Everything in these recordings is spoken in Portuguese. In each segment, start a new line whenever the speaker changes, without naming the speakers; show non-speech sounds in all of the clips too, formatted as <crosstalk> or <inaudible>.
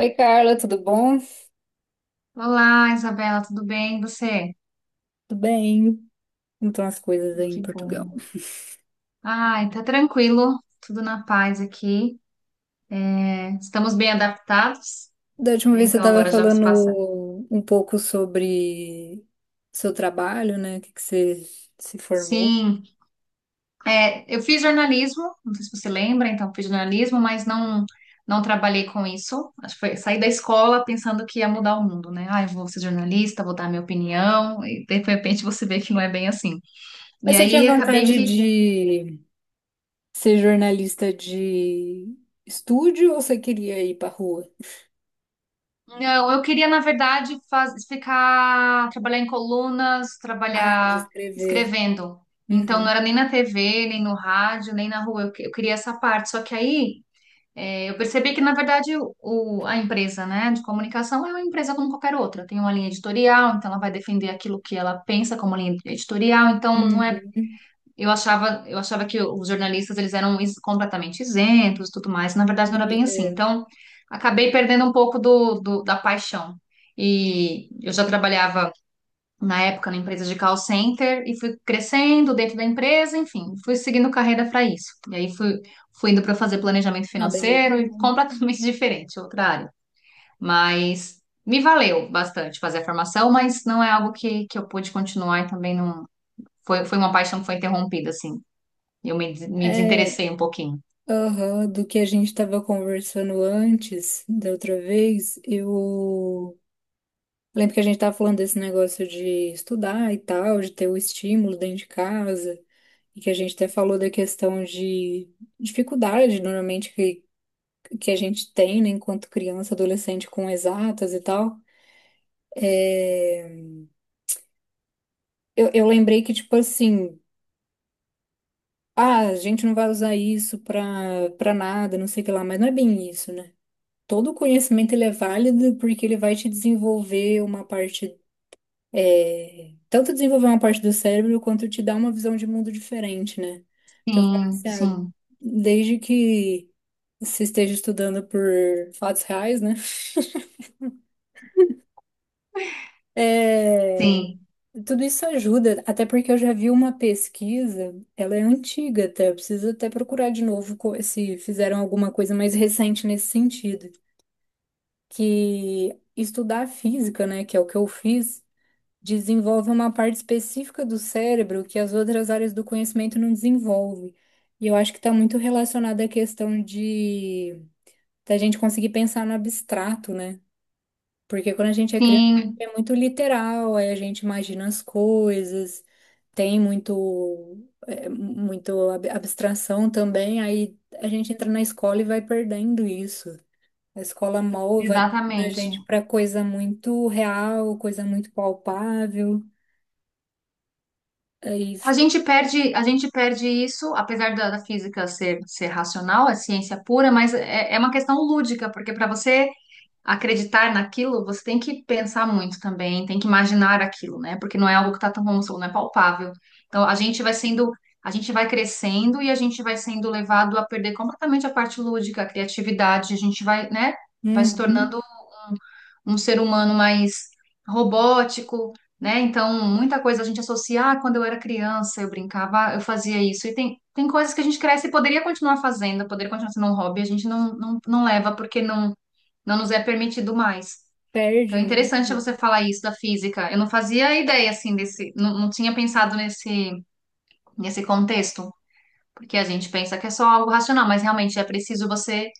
Oi, Carla, tudo bom?
Olá, Isabela, tudo bem? E você?
Tudo bem? Como estão as coisas aí em
Que
Portugal?
bom. Ai, tá tranquilo, tudo na paz aqui. É, estamos bem adaptados,
Da última
né?
vez você
Então
estava
agora já se passa.
falando um pouco sobre seu trabalho, né? O que que você se formou.
Sim, é, eu fiz jornalismo, não sei se você lembra, então fiz jornalismo, mas não trabalhei com isso. Acho que foi saí da escola pensando que ia mudar o mundo, né? Ah, eu vou ser jornalista, vou dar minha opinião, e de repente você vê que não é bem assim. E
Mas você tinha
aí acabei
vontade
que.
de ser jornalista de estúdio ou você queria ir para rua?
Não, eu queria, na verdade, ficar, trabalhar em colunas,
Ah, de
trabalhar
escrever.
escrevendo. Então, não
Uhum,
era nem na TV, nem no rádio, nem na rua. Eu queria essa parte. Só que aí, eu percebi que, na verdade, a empresa, né, de comunicação é uma empresa como qualquer outra. Tem uma linha editorial, então ela vai defender aquilo que ela pensa como linha editorial. Então, não é.
uhum.
Eu achava que os jornalistas eles eram completamente isentos e tudo mais. Na verdade,
E,
não era bem assim.
é,
Então, acabei perdendo um pouco da paixão. E eu já trabalhava na época na empresa de call center e fui crescendo dentro da empresa, enfim, fui seguindo carreira para isso. E aí fui indo para fazer planejamento
Ah, beleza.
financeiro e completamente <laughs> diferente, outra área. Mas me valeu bastante fazer a formação, mas não é algo que eu pude continuar e também não foi uma paixão que foi interrompida, assim. Eu me
É,
desinteressei um pouquinho.
Aham, do que a gente estava conversando antes, da outra vez, eu lembro que a gente estava falando desse negócio de estudar e tal, de ter o estímulo dentro de casa, e que a gente até falou da questão de dificuldade, normalmente, que a gente tem, né, enquanto criança, adolescente, com exatas e tal. É, eu lembrei que, tipo assim, ah, a gente não vai usar isso pra nada, não sei o que lá, mas não é bem isso, né? Todo conhecimento ele é válido porque ele vai te desenvolver uma parte, é, tanto desenvolver uma parte do cérebro quanto te dar uma visão de mundo diferente, né? Então, eu falo
Sim,
assim, ah,
sim,
desde que você esteja estudando por fatos reais, né? É,
sim,
tudo isso ajuda, até porque eu já vi uma pesquisa, ela é antiga até, eu preciso até procurar de novo se fizeram alguma coisa mais recente nesse sentido, que estudar física, né, que é o que eu fiz desenvolve uma parte específica do cérebro que as outras áreas do conhecimento não desenvolvem. E eu acho que está muito relacionado à questão de da gente conseguir pensar no abstrato, né? Porque quando a gente é criança
sim,
é muito literal, aí a gente imagina as coisas, tem muito é, muito abstração também, aí a gente entra na escola e vai perdendo isso. A escola mol vai moldando a
exatamente.
gente para coisa muito real, coisa muito palpável. Aí
A gente perde isso, apesar da física ser racional, é ciência pura, mas é uma questão lúdica, porque para você acreditar naquilo, você tem que pensar muito também, tem que imaginar aquilo, né? Porque não é algo que está tão, como você falou, não é palpável. Então a gente vai sendo, a gente vai crescendo e a gente vai sendo levado a perder completamente a parte lúdica, a criatividade, a gente vai, né? Vai se
uhum,
tornando um ser humano mais robótico, né? Então, muita coisa a gente associa, ah, quando eu era criança, eu brincava, ah, eu fazia isso. E tem coisas que a gente cresce e poderia continuar fazendo, poderia continuar sendo um hobby, a gente não leva porque não nos é permitido mais. Então,
perde
é interessante você
muito.
falar isso da física. Eu não fazia ideia, assim, desse, não tinha pensado nesse, nesse contexto, porque a gente pensa que é só algo racional, mas realmente é preciso você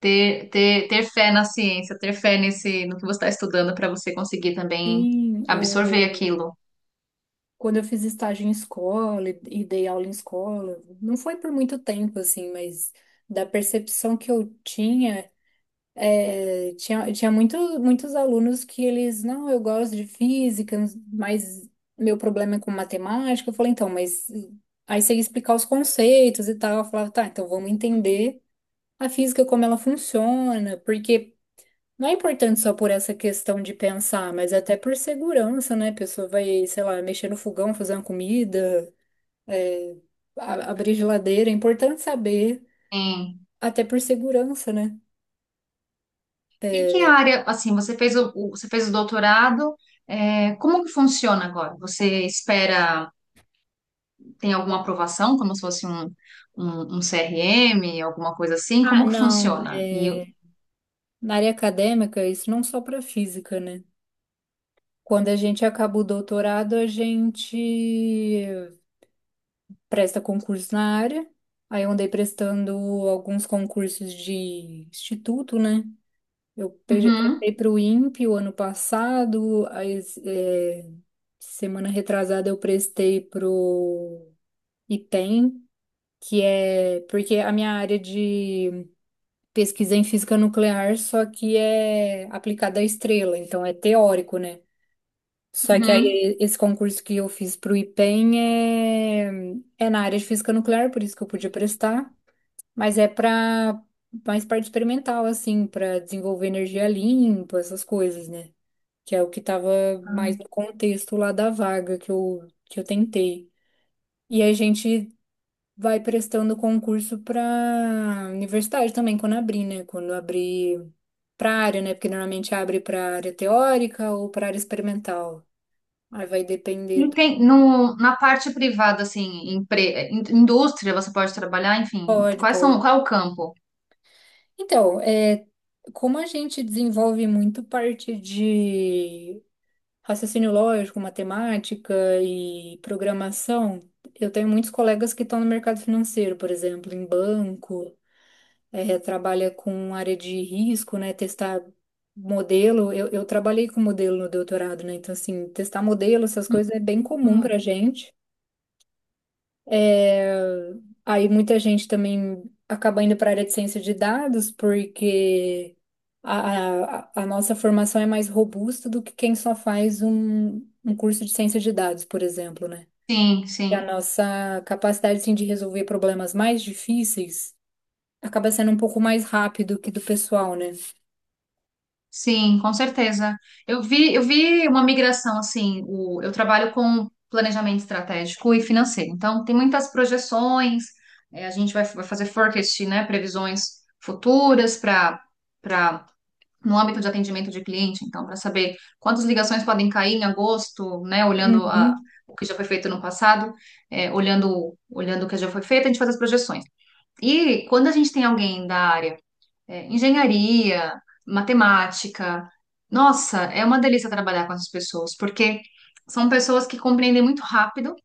ter fé na ciência, ter fé no que você está estudando para você conseguir também
Sim,
absorver
o...
aquilo.
quando eu fiz estágio em escola e dei aula em escola, não foi por muito tempo, assim, mas da percepção que eu tinha, tinha muito, muitos alunos que eles, não, eu gosto de física, mas meu problema é com matemática. Eu falei, então, mas aí você ia explicar os conceitos e tal. Eu falava, tá, então vamos entender a física, como ela funciona, porque não é importante só por essa questão de pensar, mas até por segurança, né? A pessoa vai, sei lá, mexer no fogão, fazer uma comida, é, abrir geladeira. É importante saber,
Sim.
até por segurança, né?
E que
É,
área, assim, você fez o doutorado, é, como que funciona agora? Você espera, tem alguma aprovação, como se fosse um CRM, alguma coisa assim?
ah,
Como que
não.
funciona?
É, na área acadêmica, isso não só para física, né? Quando a gente acaba o doutorado, a gente presta concurso na área. Aí eu andei prestando alguns concursos de instituto, né? Eu
Uhum,
prestei para o INPE o ano passado, a é, semana retrasada eu prestei para o IPEM, que é porque a minha área de pesquisa é em física nuclear, só que é aplicada à estrela, então é teórico, né? Só que
uhum.
aí esse concurso que eu fiz para o IPEM é, é na área de física nuclear, por isso que eu podia prestar, mas é para mais parte experimental, assim, para desenvolver energia limpa, essas coisas, né? Que é o que estava mais no contexto lá da vaga que eu tentei. E a gente vai prestando concurso para universidade também, quando abrir, né? Quando abrir para área, né? Porque normalmente abre para área teórica ou para área experimental. Aí vai depender
E
do.
tem, no, na parte privada, assim, indústria, você pode trabalhar, enfim,
Pode, pode.
qual é o campo?
Então, é, como a gente desenvolve muito parte de raciocínio lógico, matemática e programação. Eu tenho muitos colegas que estão no mercado financeiro, por exemplo, em banco, trabalha com área de risco, né? Testar modelo. Eu trabalhei com modelo no doutorado, né? Então, assim, testar modelo, essas coisas é bem comum pra gente. É, aí muita gente também acaba indo para a área de ciência de dados, porque a nossa formação é mais robusta do que quem só faz um curso de ciência de dados, por exemplo, né?
Sim,
E a
sim,
nossa capacidade, assim, de resolver problemas mais difíceis acaba sendo um pouco mais rápido que do pessoal, né?
sim, com certeza. Eu vi uma migração assim, eu trabalho com planejamento estratégico e financeiro, então tem muitas projeções, a gente vai fazer forecast, né, previsões futuras para para no âmbito de atendimento de cliente, então para saber quantas ligações podem cair em agosto, né,
Uhum.
o que já foi feito no passado, olhando o que já foi feito, a gente faz as projeções. E quando a gente tem alguém da área engenharia, matemática. Nossa, é uma delícia trabalhar com essas pessoas, porque são pessoas que compreendem muito rápido,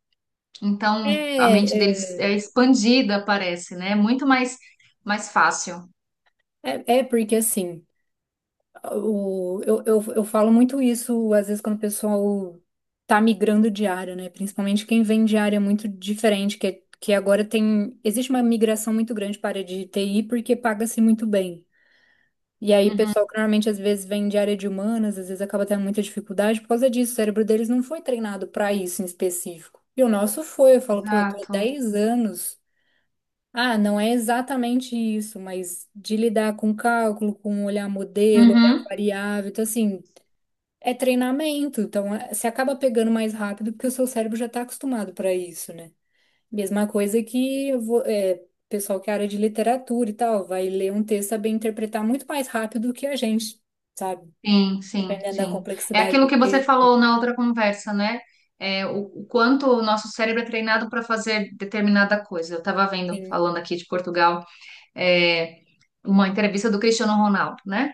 então a mente
É,
deles é
é,
expandida, parece, né? É muito mais fácil.
é porque assim. Eu falo muito isso, às vezes, quando o pessoal tá migrando de área, né? Principalmente quem vem de área muito diferente, que agora tem. Existe uma migração muito grande para a área de TI porque paga-se muito bem. E aí,
Uhum,
pessoal que normalmente às vezes vem de área de humanas, às vezes acaba tendo muita dificuldade por causa disso. O cérebro deles não foi treinado para isso em específico. E o nosso foi. Eu falo, pô, eu tô há
exato.
10 anos. Ah, não é exatamente isso, mas de lidar com cálculo, com olhar modelo,
Uhum,
olhar variável. Então, assim, é treinamento, então você acaba pegando mais rápido porque o seu cérebro já está acostumado para isso, né? Mesma coisa que eu é, pessoal que é área de literatura e tal, vai ler um texto, saber interpretar muito mais rápido do que a gente, sabe?
sim, sim,
Dependendo da
sim. É
complexidade do
aquilo que você
texto,
falou na outra conversa, né? É, o quanto o nosso cérebro é treinado para fazer determinada coisa. Eu estava vendo,
assim.
falando aqui de Portugal, é, uma entrevista do Cristiano Ronaldo, né?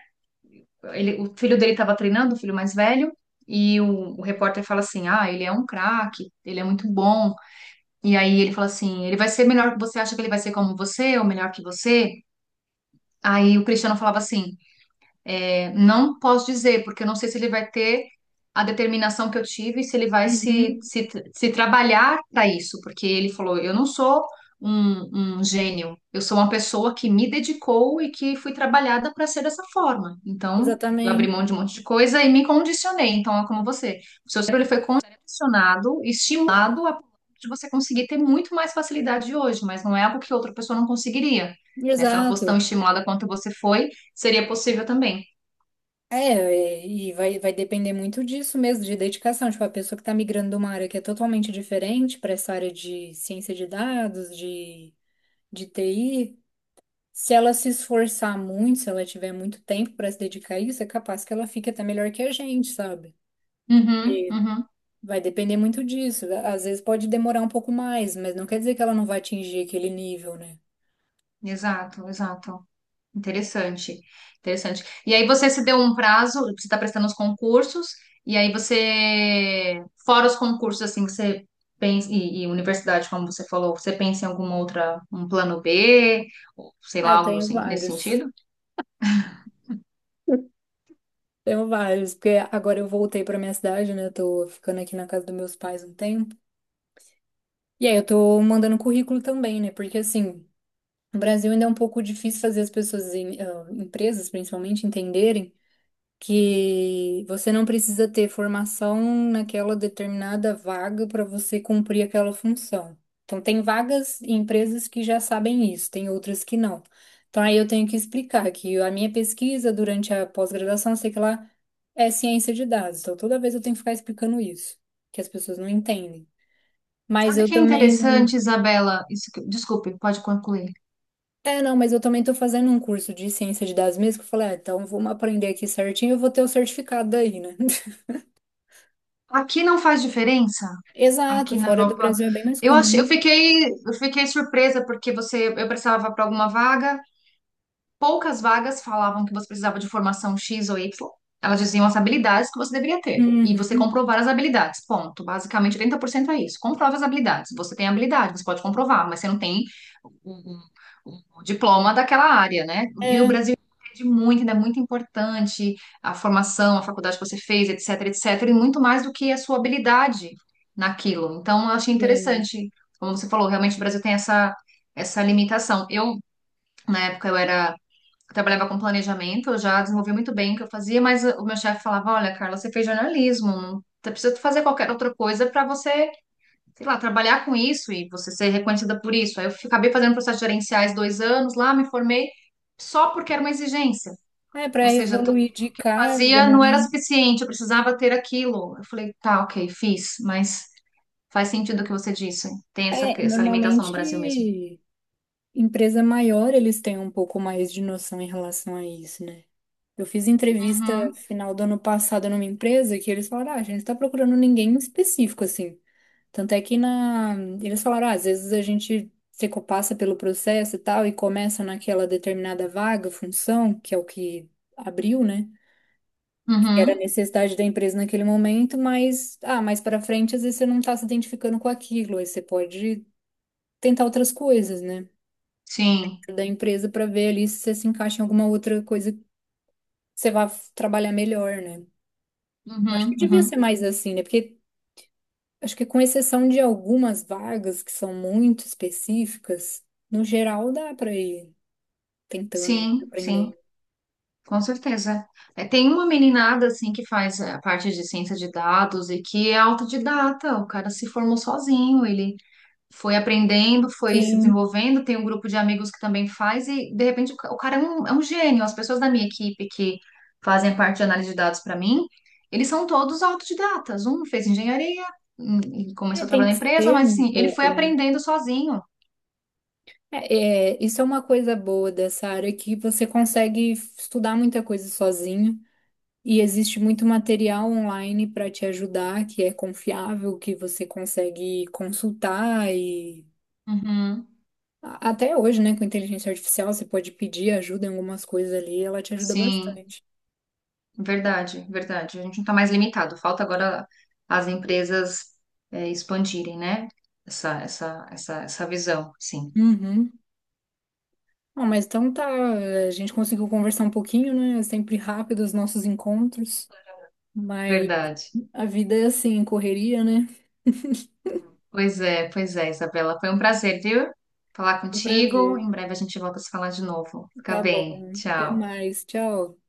O filho dele estava treinando, o filho mais velho, e o repórter fala assim: Ah, ele é um craque, ele é muito bom. E aí ele fala assim: Ele vai ser melhor que você, acha que ele vai ser como você ou melhor que você? Aí o Cristiano falava assim: não posso dizer, porque eu não sei se ele vai ter a determinação que eu tive, se ele vai se,
Uhum,
se, se trabalhar para isso, porque ele falou: eu não sou um gênio, eu sou uma pessoa que me dedicou e que fui trabalhada para ser dessa forma. Então, eu abri
exatamente.
mão de um monte de coisa e me condicionei. Então, é como você: o seu cérebro ele foi condicionado, estimulado a ponto de você conseguir ter muito mais facilidade hoje, mas não é algo que outra pessoa não conseguiria, né? Se ela fosse tão
Exato.
estimulada quanto você foi, seria possível também.
É, e vai, vai depender muito disso mesmo, de dedicação. Tipo, a pessoa que está migrando de uma área que é totalmente diferente para essa área de ciência de dados, de TI. Se ela se esforçar muito, se ela tiver muito tempo para se dedicar a isso, é capaz que ela fique até melhor que a gente, sabe?
Uhum, uhum.
Vai depender muito disso. Às vezes pode demorar um pouco mais, mas não quer dizer que ela não vai atingir aquele nível, né?
Exato, exato. Interessante, interessante. E aí você se deu um prazo, você está prestando os concursos, e aí você, fora os concursos, assim, você pensa, e universidade, como você falou, você pensa em alguma outra, um plano B, ou sei
Ah,
lá,
eu
algo no
tenho
sen- nesse
vários.
sentido?
Tenho vários, porque agora eu voltei para minha cidade, né? Eu tô ficando aqui na casa dos meus pais um tempo. E aí eu tô mandando currículo também, né? Porque assim, no Brasil ainda é um pouco difícil fazer as pessoas, ah, empresas principalmente, entenderem que você não precisa ter formação naquela determinada vaga para você cumprir aquela função. Então, tem vagas e empresas que já sabem isso, tem outras que não. Então, aí eu tenho que explicar que a minha pesquisa durante a pós-graduação, sei que lá, é ciência de dados. Então, toda vez eu tenho que ficar explicando isso, que as pessoas não entendem. Mas
Sabe o
eu
que é
também.
interessante, Isabela? Isso que- desculpe, pode concluir.
É, não, mas eu também estou fazendo um curso de ciência de dados mesmo, que eu falei, ah, então vamos aprender aqui certinho, eu vou ter o certificado daí, né?
Aqui não faz diferença,
Exato,
aqui na
fora do
Europa.
Brasil é bem mais
Eu achei,
comum.
eu fiquei surpresa porque você, eu precisava para alguma vaga. Poucas vagas falavam que você precisava de formação X ou Y. Elas diziam as habilidades que você deveria ter. E você
Uhum.
comprovar as habilidades. Ponto. Basicamente, 80% é isso. Comprove as habilidades. Você tem habilidade, você pode comprovar, mas você não tem o, o diploma daquela área, né? E o
É,
Brasil pede muito, ainda é muito importante a formação, a faculdade que você fez, etc, etc, e muito mais do que a sua habilidade naquilo. Então, eu achei
sim.
interessante. Como você falou, realmente o Brasil tem essa limitação. Eu, na época, eu trabalhava com planejamento, eu já desenvolvi muito bem o que eu fazia, mas o meu chefe falava: Olha, Carla, você fez jornalismo, não você precisa fazer qualquer outra coisa para você, sei lá, trabalhar com isso e você ser reconhecida por isso. Aí eu acabei fazendo processos gerenciais 2 anos lá, me formei só porque era uma exigência.
É,
Ou
para
seja, tudo
evoluir de
que eu
cargo,
fazia
né?
não era suficiente, eu precisava ter aquilo. Eu falei, tá, ok, fiz, mas faz sentido o que você disse. Tem essa,
É,
essa limitação no Brasil mesmo.
normalmente, empresa maior, eles têm um pouco mais de noção em relação a isso, né? Eu fiz entrevista
Uhum,
final do ano passado numa empresa que eles falaram, ah, a gente tá procurando ninguém em específico, assim. Tanto é que na... eles falaram, ah, às vezes a gente se co- passa pelo processo e tal e começa naquela determinada vaga, função, que é o que abriu, né? Que era a
uhum,
necessidade da empresa naquele momento, mas ah, mais para frente às vezes você não está se identificando com aquilo, aí você pode tentar outras coisas, né?
sim,
Da empresa para ver ali se você se encaixa em alguma outra coisa que você trabalhar melhor, né? Eu acho que
uhum,
devia
uhum,
ser mais assim, né? Porque acho que com exceção de algumas vagas que são muito específicas, no geral dá para ir tentando né,
sim, sim.
aprender.
Com certeza. É, tem uma meninada assim que faz a parte de ciência de dados e que é autodidata. O cara se formou sozinho, ele foi aprendendo, foi se
Sim,
desenvolvendo. Tem um grupo de amigos que também faz e de repente o o cara é um gênio. As pessoas da minha equipe que fazem parte de análise de dados para mim, eles são todos autodidatas. Um fez engenharia, e
é,
começou a
tem
trabalhar
que
na empresa,
ser
mas
um
assim, ele foi
pouco, né?
aprendendo sozinho.
Isso é uma coisa boa dessa área é que você consegue estudar muita coisa sozinho e existe muito material online para te ajudar, que é confiável, que você consegue consultar
Uhum.
até hoje, né, com inteligência artificial, você pode pedir ajuda em algumas coisas ali, e ela te ajuda
Sim.
bastante.
Verdade, verdade. A gente não está mais limitado. Falta agora as empresas expandirem, né? Essa visão, sim.
Uhum. Bom, mas então tá, a gente conseguiu conversar um pouquinho, né? É sempre rápido os nossos encontros, mas
Verdade.
a vida é assim, correria, né?
Pois é, Isabela. Foi um prazer, viu? Falar
O
contigo.
prazer.
Em breve a gente volta a se falar de novo. Fica
Tá
bem.
bom. Até
Tchau.
mais. Tchau.